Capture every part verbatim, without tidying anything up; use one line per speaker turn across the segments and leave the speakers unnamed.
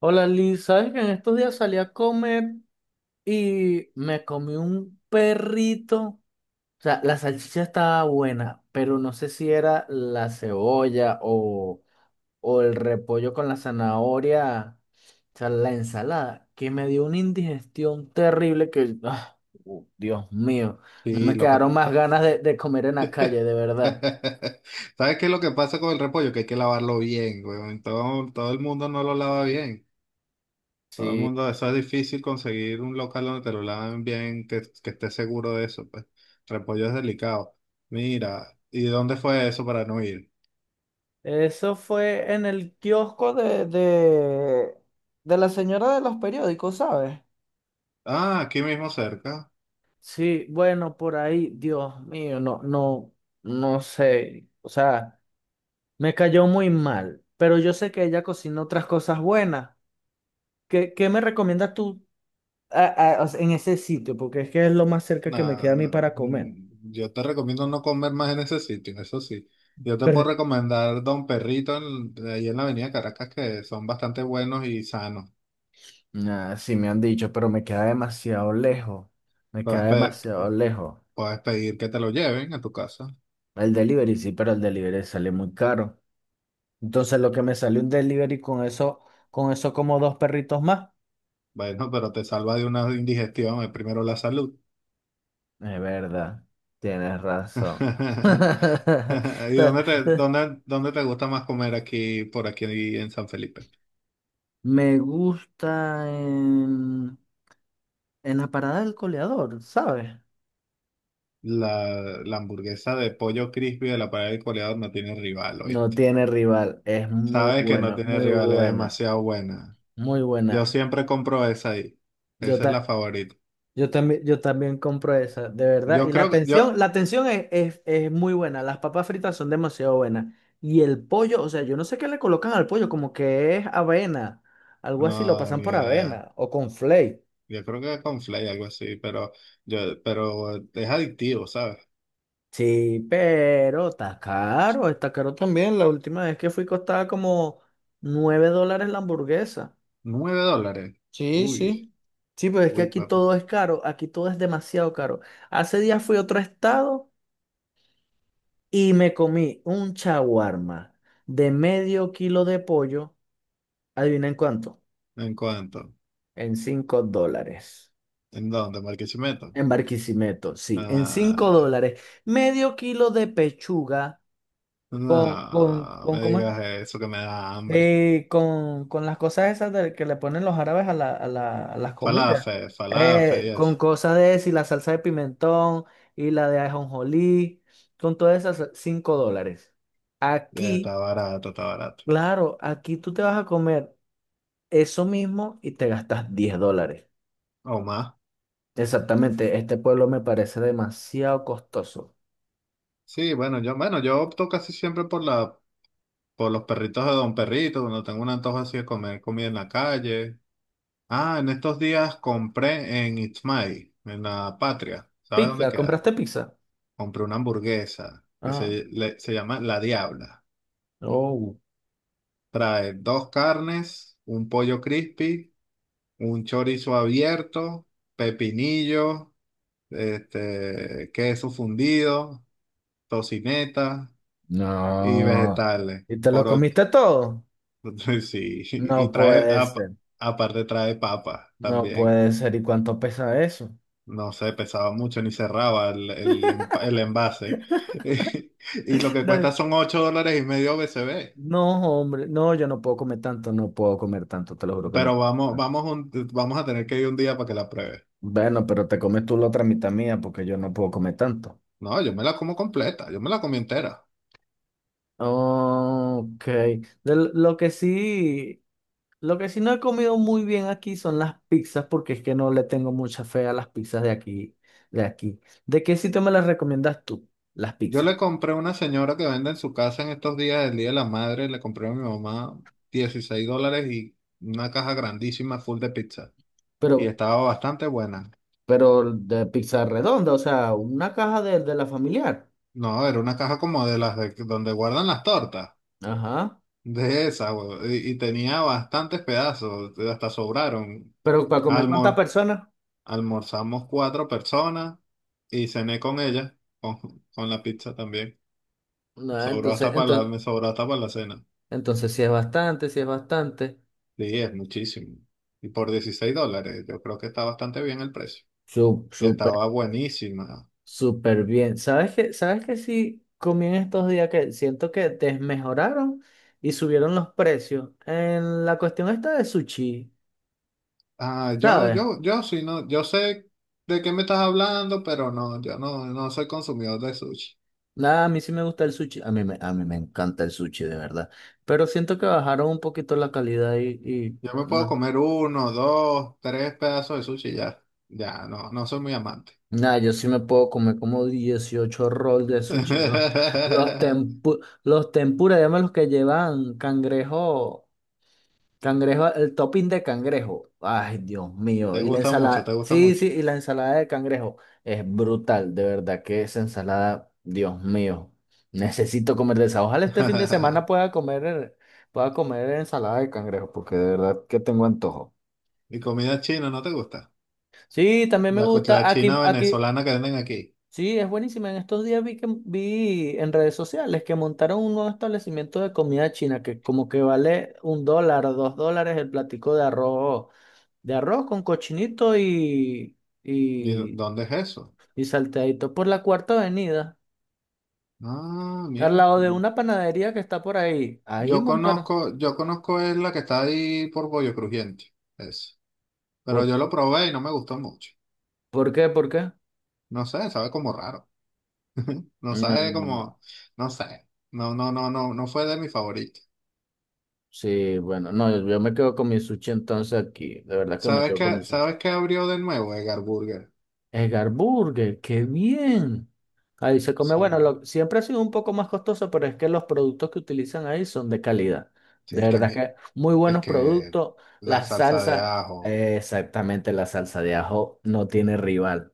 Hola Liz, ¿sabes que en estos días salí a comer y me comí un perrito? O sea, la salchicha estaba buena, pero no sé si era la cebolla o, o el repollo con la zanahoria, o sea, la ensalada, que me dio una indigestión terrible que, ah, uh, Dios mío, no
Sí,
me
lo que
quedaron más ganas de, de comer en la calle, de verdad.
¿Sabes qué es lo que pasa con el repollo? Que hay que lavarlo bien, weón. Todo, todo el mundo no lo lava bien. Todo el
Sí.
mundo, eso es difícil conseguir un local donde te lo laven bien, que, que estés seguro de eso, pues. Repollo es delicado. Mira, ¿y dónde fue eso para no ir?
Eso fue en el kiosco de, de, de la señora de los periódicos, ¿sabes?
Ah, aquí mismo cerca.
Sí, bueno, por ahí, Dios mío, no, no, no sé, o sea, me cayó muy mal, pero yo sé que ella cocina otras cosas buenas. ¿Qué, qué me recomiendas tú a- a- o sea, ¿en ese sitio? Porque es que es lo más cerca que me
Nah,
queda a mí
nah.
para comer.
mm, Yo te recomiendo no comer más en ese sitio, eso sí. Yo te
Pero,
puedo recomendar Don Perrito en- ahí en la Avenida Caracas, que son bastante buenos y sanos.
Ah, sí, me han dicho, pero me queda demasiado lejos. Me queda
Puedes, pe-
demasiado lejos.
puedes pedir que te lo lleven a tu casa.
El delivery, sí, pero el delivery sale muy caro. Entonces lo que me salió un delivery con eso, con eso como dos perritos más.
Bueno, pero te salva de una indigestión, eh, primero la salud.
Es verdad, tienes razón. Ta-
¿Y
ta-
dónde te, dónde, dónde te gusta más comer aquí, por aquí en San Felipe?
Me gusta en, en la parada del coleador, ¿sabes?
La, la hamburguesa de pollo crispy de la parada del Coleador no tiene rival,
No
¿oíste?
tiene rival, es muy
Sabes que no
buena,
tiene
muy
rival, es
buena,
demasiado buena.
muy
Yo
buena.
siempre compro esa ahí.
Yo,
Esa es la
ta-
favorita.
Yo también, yo también compro esa, de verdad.
Yo
Y la
creo que, yo,
atención, la atención es, es, es muy buena. Las papas fritas son demasiado buenas. Y el pollo, o sea, yo no sé qué le colocan al pollo, como que es avena. Algo así, lo
no,
pasan
ni
por
idea.
avena o con flake.
Yo creo que es con Flay, algo así, pero yo, pero es adictivo, ¿sabes?
Sí, pero está caro, está caro también. La última vez que fui costaba como nueve dólares la hamburguesa.
Nueve dólares.
Sí,
Uy,
sí. Sí, pero es que
uy,
aquí
papi.
todo es caro, aquí todo es demasiado caro. Hace días fui a otro estado. Y me comí un chaguarma de medio kilo de pollo. ¿Adivina en cuánto?
¿En cuánto?
En cinco dólares.
¿En dónde? ¿Marquisimeto?
En Barquisimeto, sí, en cinco
Ah,
dólares. Medio kilo de pechuga con, con,
no,
con,
me
¿cómo es?
digas eso que me da hambre.
Eh, con, con las cosas esas de, que le ponen los árabes a, la, a, la- a las comidas.
Falafel, falafel,
Eh,
y
con
eso.
cosas de si la salsa de pimentón y la de ajonjolí, con todas esas, cinco dólares.
Y está
Aquí,
barato, está barato.
claro, aquí tú te vas a comer eso mismo y te gastas diez dólares.
O más.
Exactamente, este pueblo me parece demasiado costoso.
Sí, bueno, yo, bueno, yo opto casi siempre por la, por los perritos de Don Perrito, cuando tengo un antojo así de comer comida en la calle. Ah, en estos días compré en Itzmay, en la Patria. ¿Sabes dónde
Pizza,
queda?
¿compraste pizza?
Compré una hamburguesa que
Ah,
se, le- se llama La Diabla.
oh,
Trae dos carnes, un pollo crispy, un chorizo abierto, pepinillo, este, queso fundido, tocineta y
no.
vegetales.
¿Y te lo
Por och-
comiste todo?
sí, y
No
trae,
puede
ap-
ser,
aparte trae papa
no
también.
puede ser. ¿Y cuánto pesa eso?
No sé, pesaba mucho ni cerraba el, el empa- el envase. Y lo que
No,
cuesta son ocho dólares y medio B C B.
no, hombre, no, yo no puedo comer tanto, no puedo comer tanto, te lo juro que no
Pero
puedo.
vamos, vamos, un- vamos a tener que ir un día para que la pruebe.
Bueno, pero te comes tú la otra mitad mía porque yo no puedo comer tanto.
No, yo me la como completa, yo me la comí entera.
Ok. De lo lo que sí Lo que sí no he comido muy bien aquí son las pizzas, porque es que no le tengo mucha fe a las pizzas de aquí, de aquí. ¿De qué sitio me las recomiendas tú, las
Yo
pizzas?
le compré a una señora que vende en su casa en estos días del Día de la Madre, le compré a mi mamá dieciséis dólares y una caja grandísima full de pizza.
Pero,
Y estaba bastante buena.
pero de pizza redonda, o sea, una caja de, de la familiar.
No, era una caja como de las de donde guardan las tortas,
Ajá.
de esa, güey, y, y tenía bastantes pedazos, hasta sobraron.
Pero para comer cuántas
Almor,
personas,
almorzamos cuatro personas y cené con ella, con, con la pizza también.
no,
Sobró
entonces,
hasta para la,
entonces,
me sobró hasta para la cena.
entonces sí es bastante, sí es bastante.
Sí, es muchísimo. Y por dieciséis dólares, yo creo que está bastante bien el precio. Y
súper
estaba buenísima.
Súper bien. ¿Sabes qué? ¿Sabes qué sí comí en estos días que siento que desmejoraron y subieron los precios? En la cuestión esta de sushi,
Ah, yo,
¿sabes?
yo, yo sí, no, yo sé de qué me estás hablando, pero no, yo no, no soy consumidor de sushi.
Nada, a mí sí me gusta el sushi. A mí me, a mí me encanta el sushi, de verdad. Pero siento que bajaron un poquito la calidad y, y
Yo me puedo
no.
comer uno, dos, tres pedazos de sushi y ya. Ya, no, no soy muy amante.
Nada, yo sí me puedo comer como dieciocho rolls de sushi. Los, los, tempu- los tempura, llaman los que llevan cangrejo. Cangrejo, el topping de cangrejo. Ay, Dios mío.
Te
Y la
gusta mucho, te
ensalada,
gusta
sí,
mucho.
sí, y la ensalada de cangrejo es brutal, de verdad que esa ensalada, Dios mío. Necesito comer de esa. Ojalá este fin de semana pueda comer, pueda comer ensalada de cangrejo, porque de verdad que tengo antojo.
¿Y comida china no te gusta?
Sí, también me
La, co-
gusta. Aquí,
china
aquí,
venezolana que venden aquí.
sí, es buenísima. En estos días vi que vi en redes sociales que montaron un nuevo establecimiento de comida china que como que vale un dólar, dos dólares el platico de arroz de arroz con cochinito y,
¿Y
y,
dónde es eso?
y salteadito por la Cuarta Avenida,
Ah,
al
mira.
lado de una panadería que está por ahí. Ahí
Yo
montaron.
conozco, yo conozco es la que está ahí por Pollo Crujiente, eso. Pero
¿Por,
yo lo probé y no me gustó mucho.
por qué? ¿Por qué?
No sé, sabe como raro. No sabe
Mm,
como, no sé. No, no, no, no, no fue de mi favorito.
sí, bueno, no, yo, yo me quedo con mi sushi entonces aquí. De verdad que me
¿Sabes
quedo con mi
qué,
sushi.
sabes qué abrió de nuevo Edgar Burger?
Edgar Burger, qué bien. Ahí se come, bueno,
Sí.
lo- siempre ha sido un poco más costoso, pero es que los productos que utilizan ahí son de calidad.
Sí,
De
es que mi-
verdad que muy
es
buenos
que
productos.
la
La
salsa de
salsa,
ajo
eh, exactamente, la salsa de ajo no tiene rival.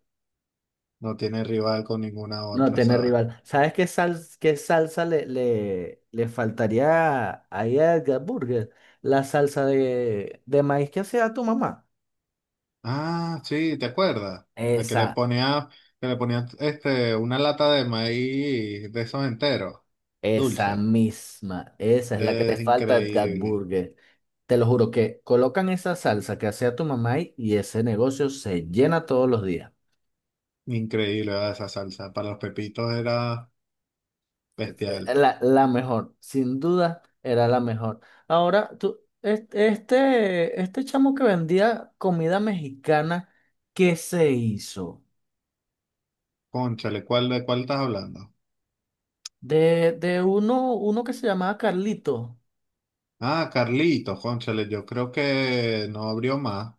no tiene rival con ninguna
No
otra,
tiene
¿sabes?
rival. ¿Sabes qué, sal, qué salsa le, le, le faltaría ahí a Edgar Burger? La salsa de, de maíz que hacía tu mamá.
Ah, sí, ¿te acuerdas? De que le
Esa,
ponía, que le ponía este, una lata de maíz de esos enteros,
Esa
dulce.
misma, esa es la que le
Es
falta a Edgar
increíble,
Burger. Te lo juro que colocan esa salsa que hacía tu mamá y y ese negocio se llena todos los días.
increíble, ¿verdad? Esa salsa. Para los pepitos era
Es- eh,
bestial.
La, la mejor, sin duda, era la mejor. Ahora, tú, es- este, este chamo que vendía comida mexicana, ¿qué se hizo?
Cónchale, ¿cuál, de cuál estás hablando?
De, de uno, uno que se llamaba Carlito.
Ah, Carlitos, cónchale, yo creo que no abrió más,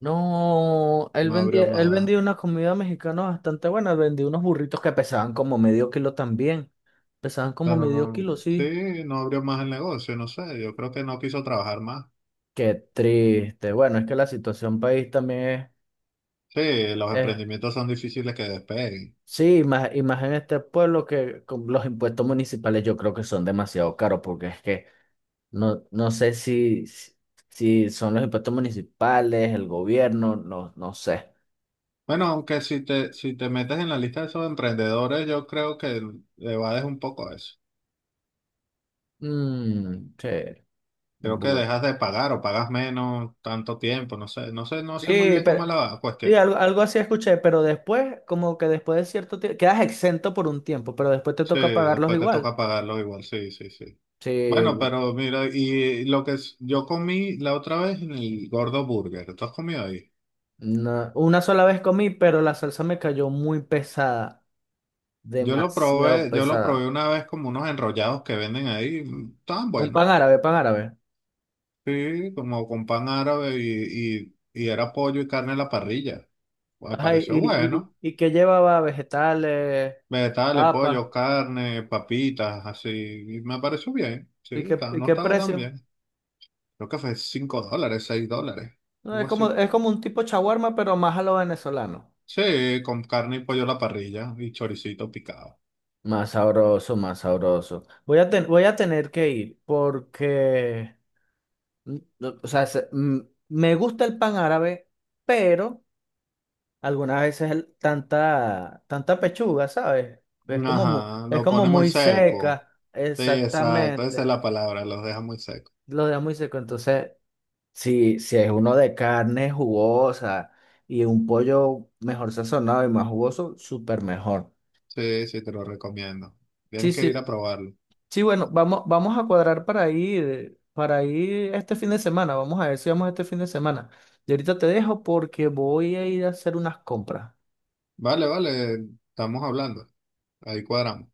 No, él
no
vendía,
abrió
él
más,
vendía una comida mexicana bastante buena, vendía unos burritos que pesaban como medio kilo también. Pesaban como
pero
medio
no,
kilo, sí.
sí, no abrió más el negocio, no sé, yo creo que no quiso trabajar más.
Qué triste. Bueno, es que la situación país también
Sí, los
es, es-
emprendimientos son difíciles que despeguen.
sí, y más, y más en este pueblo que con los impuestos municipales yo creo que son demasiado caros porque es que no, no sé si, si si son los impuestos municipales, el gobierno, no, no sé.
Bueno, aunque si te, si te metes en la lista de esos emprendedores, yo creo que evades un poco eso.
Mm, sí.
Creo que
Bu-
dejas de pagar o pagas menos tanto tiempo, no sé, no sé, no sé muy
Sí,
bien cómo
pero
es la
Sí,
cuestión.
algo, algo así escuché, pero después, como que después de cierto tiempo, quedas exento por un tiempo, pero después te
Sí,
toca pagarlos
después te
igual.
toca pagarlo igual, sí, sí, sí.
Sí,
Bueno,
bu-
pero mira, y lo que es- yo comí la otra vez en el Gordo Burger, ¿tú has comido ahí?
na- una sola vez comí, pero la salsa me cayó muy pesada,
Yo lo
demasiado
probé, yo lo probé
pesada.
una vez como unos enrollados que venden ahí, mm, estaban
Un pan
buenos,
árabe, pan árabe.
sí, como con pan árabe y, y, y era pollo y carne a la parrilla. Me
Ajá, y,
pareció
y,
bueno.
y, y que llevaba vegetales,
Vegetales,
papas,
pollo, carne, papitas, así. Y me pareció bien, sí,
¿y qué,
está-
y
no
qué
estaba tan
precio?
bien. Creo que fue cinco dólares, seis dólares,
No,
algo
es como,
así.
es como un tipo chaguarma, pero más a lo venezolano.
Sí, con carne y pollo a la parrilla y choricito picado.
Más sabroso, más sabroso. Voy a, ten- voy a tener que ir porque... Mm, no, O sea, se- mm, me gusta el pan árabe, pero algunas veces el- tanta, tanta pechuga, ¿sabes? Es como, mu-
Ajá,
es
lo
como
pone muy
muy
seco.
seca,
Sí, exacto, esa es
exactamente.
la palabra, los deja muy seco.
Lo deja muy seco. Entonces, si, si es uno de carne jugosa y un pollo mejor sazonado y más jugoso, súper mejor.
Sí, sí, te lo recomiendo.
Sí,
Tienes que ir a
sí.
probarlo.
Sí, bueno, vamos, vamos a cuadrar para ir, para ir este fin de semana. Vamos a ver si vamos este fin de semana. Y ahorita te dejo porque voy a ir a hacer unas compras.
Vale, vale, estamos hablando. Ahí cuadramos.